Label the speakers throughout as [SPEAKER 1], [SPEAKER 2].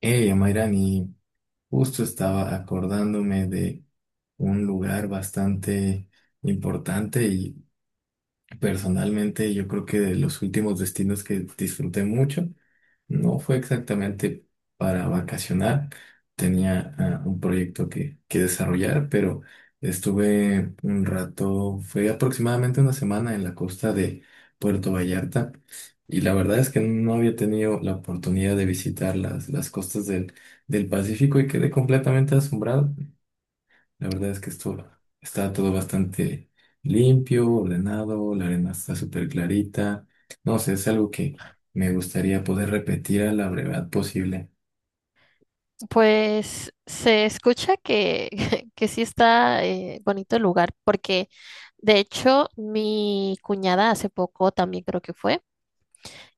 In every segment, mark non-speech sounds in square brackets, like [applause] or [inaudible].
[SPEAKER 1] Mayrani, justo estaba acordándome de un lugar bastante importante. Personalmente, yo creo que de los últimos destinos que disfruté mucho no fue exactamente para vacacionar. Tenía un proyecto que desarrollar, pero estuve un rato, fue aproximadamente una semana en la costa de Puerto Vallarta, y la verdad es que no había tenido la oportunidad de visitar las costas del Pacífico y quedé completamente asombrado. La verdad es que esto está todo bastante limpio, ordenado, la arena está súper clarita. No sé, es algo que me gustaría poder repetir a la brevedad posible.
[SPEAKER 2] Pues se escucha que, [laughs] que sí está bonito el lugar, porque de hecho mi cuñada hace poco también creo que fue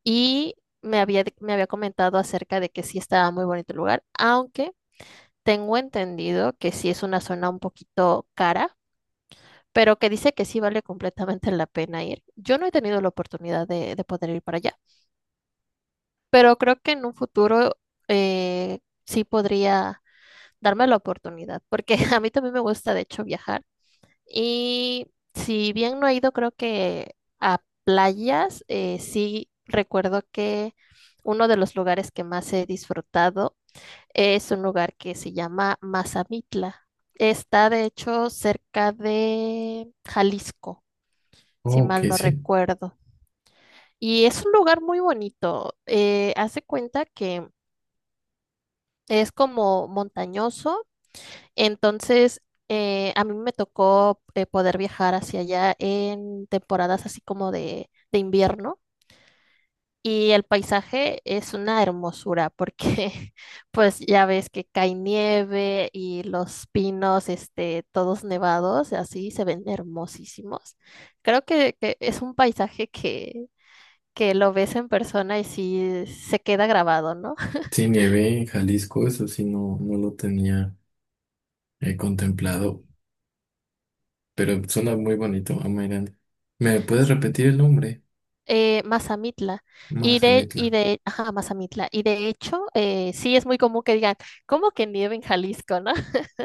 [SPEAKER 2] y me había comentado acerca de que sí estaba muy bonito el lugar, aunque tengo entendido que sí es una zona un poquito cara, pero que dice que sí vale completamente la pena ir. Yo no he tenido la oportunidad de poder ir para allá, pero creo que en un futuro eh, sí podría darme la oportunidad, porque [laughs] a mí también me gusta, de hecho, viajar. Y si bien no he ido, creo que a playas, sí recuerdo que uno de los lugares que más he disfrutado es un lugar que se llama Mazamitla. Está, de hecho, cerca de Jalisco, si
[SPEAKER 1] Oh, ok,
[SPEAKER 2] mal no
[SPEAKER 1] sí.
[SPEAKER 2] recuerdo. Y es un lugar muy bonito. Hace cuenta que es como montañoso. Entonces, a mí me tocó poder viajar hacia allá en temporadas así como de invierno y el paisaje es una hermosura porque [laughs] pues ya ves que cae nieve y los pinos, este, todos nevados, así se ven hermosísimos. Creo que es un paisaje que lo ves en persona y sí se queda grabado, ¿no?
[SPEAKER 1] Sí, nieve en Jalisco, eso sí no lo tenía contemplado, pero suena muy bonito, Amairán. ¿Me puedes
[SPEAKER 2] [laughs]
[SPEAKER 1] repetir el nombre?
[SPEAKER 2] Mazamitla.
[SPEAKER 1] Mazamitla.
[SPEAKER 2] Ajá, Mazamitla. Y de hecho, sí es muy común que digan, ¿cómo que nieve en Jalisco, no?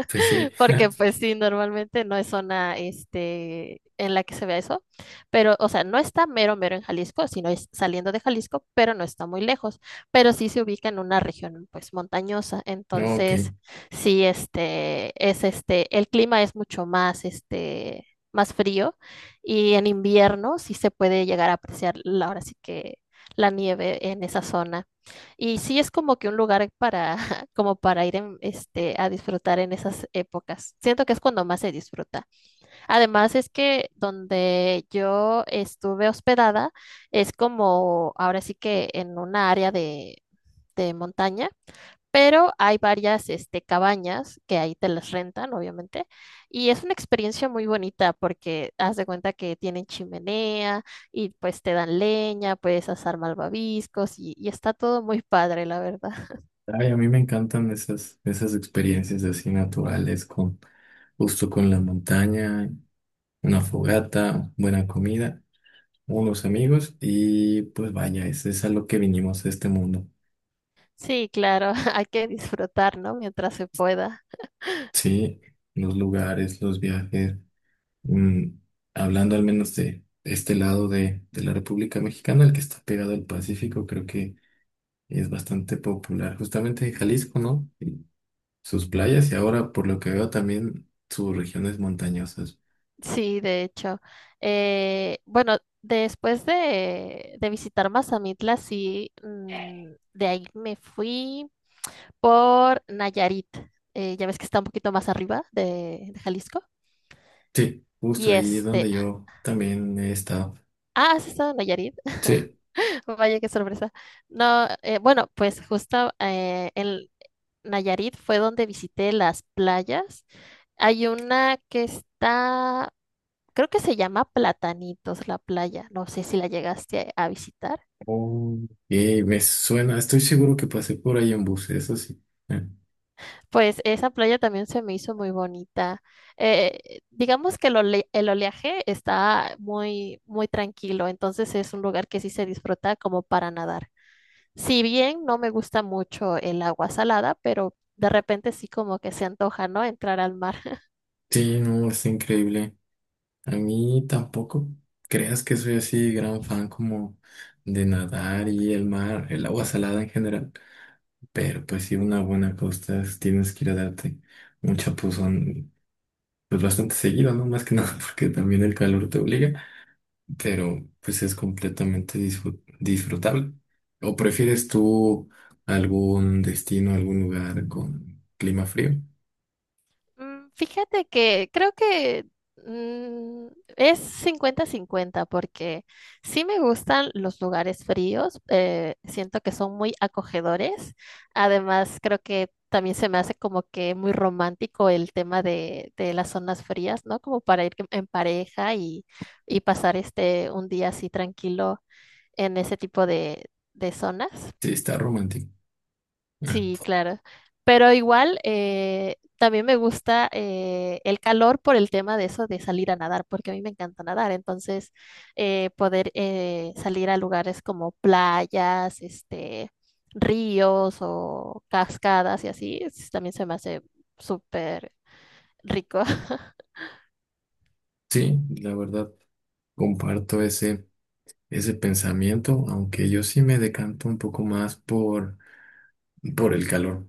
[SPEAKER 1] Pues sí.
[SPEAKER 2] [laughs] Porque pues sí, normalmente no es zona este, en la que se vea eso, pero o sea, no está mero mero en Jalisco, sino es saliendo de Jalisco, pero no está muy lejos, pero sí se ubica en una región pues montañosa,
[SPEAKER 1] No, ok.
[SPEAKER 2] entonces sí, el clima es mucho más, este, más frío y en invierno sí se puede llegar a ahora sí que la nieve en esa zona. Y sí es como que un lugar para este, a disfrutar en esas épocas. Siento que es cuando más se disfruta. Además es que donde yo estuve hospedada es como ahora sí que en una área de montaña, pero hay varias este, cabañas que ahí te las rentan, obviamente, y es una experiencia muy bonita porque haz de cuenta que tienen chimenea y pues te dan leña, puedes asar malvaviscos y está todo muy padre, la verdad.
[SPEAKER 1] Ay, a mí me encantan esas experiencias así naturales con justo con la montaña. Una fogata, buena comida, unos amigos y pues vaya, es a lo que vinimos a este mundo.
[SPEAKER 2] Sí, claro, [laughs] hay que disfrutar, ¿no? Mientras se pueda.
[SPEAKER 1] Sí, los lugares, los viajes, mm, hablando al menos de este lado de la República Mexicana, el que está pegado al Pacífico, creo que es bastante popular, justamente de Jalisco, ¿no? Y sus playas y ahora, por lo que veo, también sus regiones montañosas.
[SPEAKER 2] Sí, de hecho. Bueno, después de visitar Mazamitla, sí, de ahí me fui por Nayarit. Ya ves que está un poquito más arriba de Jalisco.
[SPEAKER 1] Sí, justo
[SPEAKER 2] Y
[SPEAKER 1] ahí es
[SPEAKER 2] este,
[SPEAKER 1] donde yo también he estado.
[SPEAKER 2] ah, ¿has estado en Nayarit?
[SPEAKER 1] Sí.
[SPEAKER 2] [laughs] Vaya, qué sorpresa. No, bueno, pues justo en Nayarit fue donde visité las playas. Hay una que está creo que se llama Platanitos la playa, no sé si la llegaste a visitar.
[SPEAKER 1] Oh, me suena, estoy seguro que pasé por ahí en bus, eso sí. Eh,
[SPEAKER 2] Pues esa playa también se me hizo muy bonita. Digamos que el oleaje está muy, muy tranquilo, entonces es un lugar que sí se disfruta como para nadar. Si bien no me gusta mucho el agua salada, pero de repente sí como que se antoja, ¿no? Entrar al mar.
[SPEAKER 1] Sí, no, es increíble. A mí tampoco creas que soy así gran fan como de nadar y el mar, el agua salada en general. Pero pues sí, una buena costa tienes que ir a darte un chapuzón, pues bastante seguido, ¿no? Más que nada [laughs] porque también el calor te obliga. Pero pues es completamente disfrutable. ¿O prefieres tú algún destino, algún lugar con clima frío?
[SPEAKER 2] Fíjate que creo que mm, es 50-50 porque sí me gustan los lugares fríos, siento que son muy acogedores, además creo que también se me hace como que muy romántico el tema de las zonas frías, ¿no? Como para ir en pareja y pasar este un día así tranquilo en ese tipo de zonas.
[SPEAKER 1] Sí, está romántico. Ah,
[SPEAKER 2] Sí, claro. Pero igual también me gusta el calor por el tema de eso de salir a nadar, porque a mí me encanta nadar. Entonces, poder salir a lugares como playas, este, ríos o cascadas y así, es- también se me hace súper rico. [laughs]
[SPEAKER 1] sí, la verdad, comparto ese pensamiento, aunque yo sí me decanto un poco más por, el calor,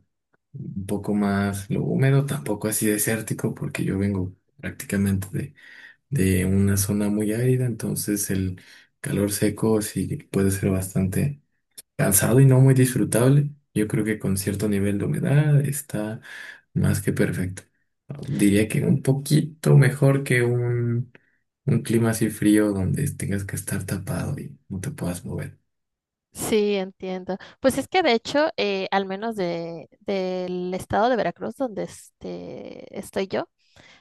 [SPEAKER 1] un poco más lo húmedo, tampoco así desértico, porque yo vengo prácticamente de una zona muy árida, entonces el calor seco sí puede ser bastante cansado y no muy disfrutable. Yo creo que con cierto nivel de humedad está más que perfecto. Diría que un poquito mejor que un clima así frío donde tengas que estar tapado y no te puedas mover.
[SPEAKER 2] Sí, entiendo. Pues es que de hecho, al menos de, del estado de Veracruz, donde este, estoy yo.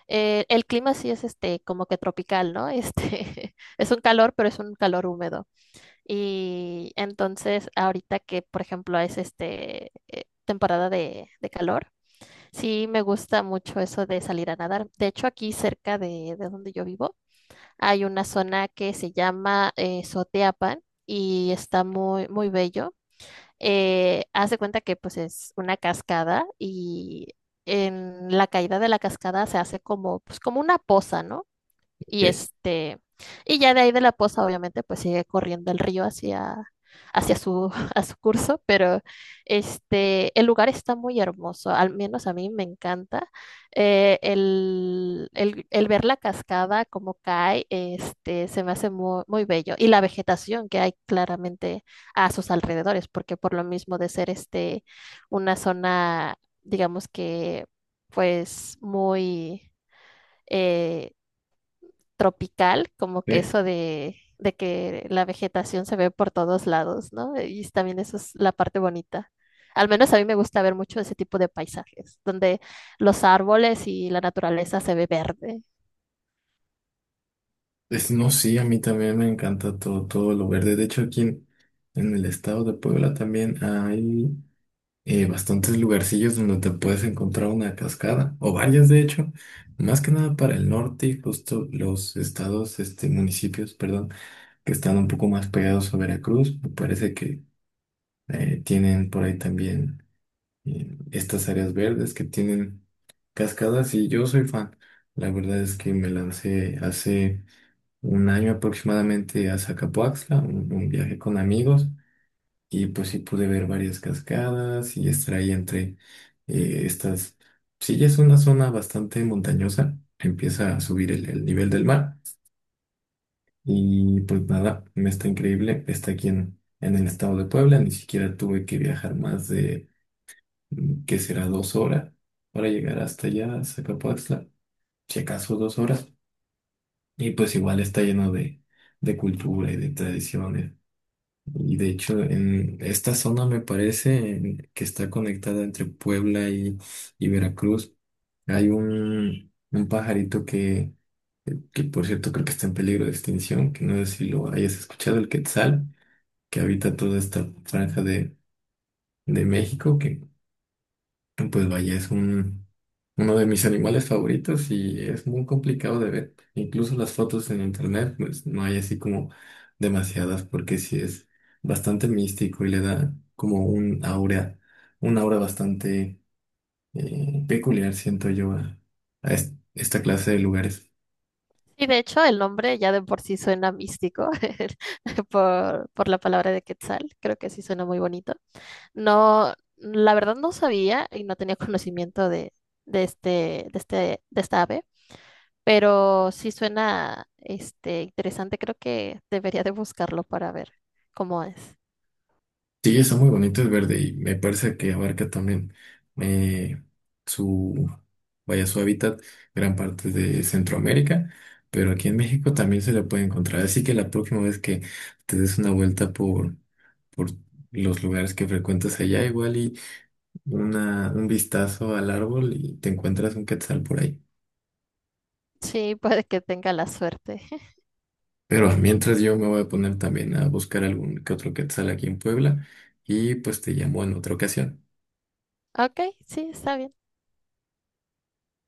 [SPEAKER 2] El clima sí es este como que tropical, ¿no? Este [laughs] es un calor, pero es un calor húmedo. Y entonces ahorita que, por ejemplo, es este temporada de calor, sí me gusta mucho eso de salir a nadar. De hecho, aquí cerca de donde yo vivo hay una zona que se llama Soteapan y está muy, muy bello. Haz de cuenta que pues es una cascada y en la caída de la cascada se hace como, pues, como una poza, ¿no? Y
[SPEAKER 1] Eh,
[SPEAKER 2] este, y ya de ahí de la poza, obviamente, pues sigue corriendo el río hacia, hacia su [laughs] a su curso, pero este, el lugar está muy hermoso, al menos a mí me encanta. El ver la cascada como cae, este, se me hace muy, muy bello. Y la vegetación que hay claramente a sus alrededores, porque por lo mismo de ser este, una zona, digamos que, pues muy... eh, tropical, como que
[SPEAKER 1] eh,
[SPEAKER 2] eso de que la vegetación se ve por todos lados, ¿no? Y también eso es la parte bonita. Al menos a mí me gusta ver mucho ese tipo de paisajes, donde los árboles y la naturaleza se ve verde.
[SPEAKER 1] no, sí, a mí también me encanta todo lo verde. De hecho, aquí en el estado de Puebla también hay bastantes lugarcillos donde te puedes encontrar una cascada, o varias de hecho, más que nada para el norte y justo los estados, este, municipios, perdón, que están un poco más pegados a Veracruz, me parece que tienen por ahí también estas áreas verdes que tienen cascadas y yo soy fan. La verdad es que me lancé hace un año aproximadamente a Zacapoaxtla, un viaje con amigos. Y pues sí pude ver varias cascadas y estar ahí entre estas... Sí, ya es una zona bastante montañosa, empieza a subir el nivel del mar y pues nada, está increíble, está aquí en el estado de Puebla, ni siquiera tuve que viajar más de, ¿qué será? 2 horas para llegar hasta allá, a Zacapoaxtla, si acaso 2 horas. Y pues igual está lleno de cultura y de tradiciones. Y de hecho, en esta zona me parece en- que está conectada entre Puebla y Veracruz. Hay un pajarito que, por cierto, creo que está en peligro de extinción, que no sé si lo hayas escuchado, el quetzal, que habita toda esta franja de México, que pues vaya, es uno de mis animales favoritos y es muy complicado de ver. Incluso las fotos en internet, pues no hay así como demasiadas porque sí es bastante místico y le da como un aura bastante peculiar, siento yo, a esta clase de lugares.
[SPEAKER 2] Y de hecho, el nombre ya de por sí suena místico [laughs] por la palabra de Quetzal. Creo que sí suena muy bonito. No, la verdad no sabía y no tenía conocimiento de, de este, de este, de esta ave. Pero sí suena este interesante, creo que debería de buscarlo para ver cómo es.
[SPEAKER 1] Sí, está muy bonito, es verde y me parece que abarca también eh, su, vaya, su hábitat gran parte de Centroamérica, pero aquí en México también se le puede encontrar. Así que la próxima vez que te des una vuelta por los lugares que frecuentas allá, igual y un vistazo al árbol y te encuentras un quetzal por ahí.
[SPEAKER 2] Sí, puede que tenga la suerte. [laughs]
[SPEAKER 1] Pero mientras yo me voy a poner también a buscar algún que otro quetzal aquí en Puebla y pues te llamo en otra ocasión.
[SPEAKER 2] Ok, sí, está bien.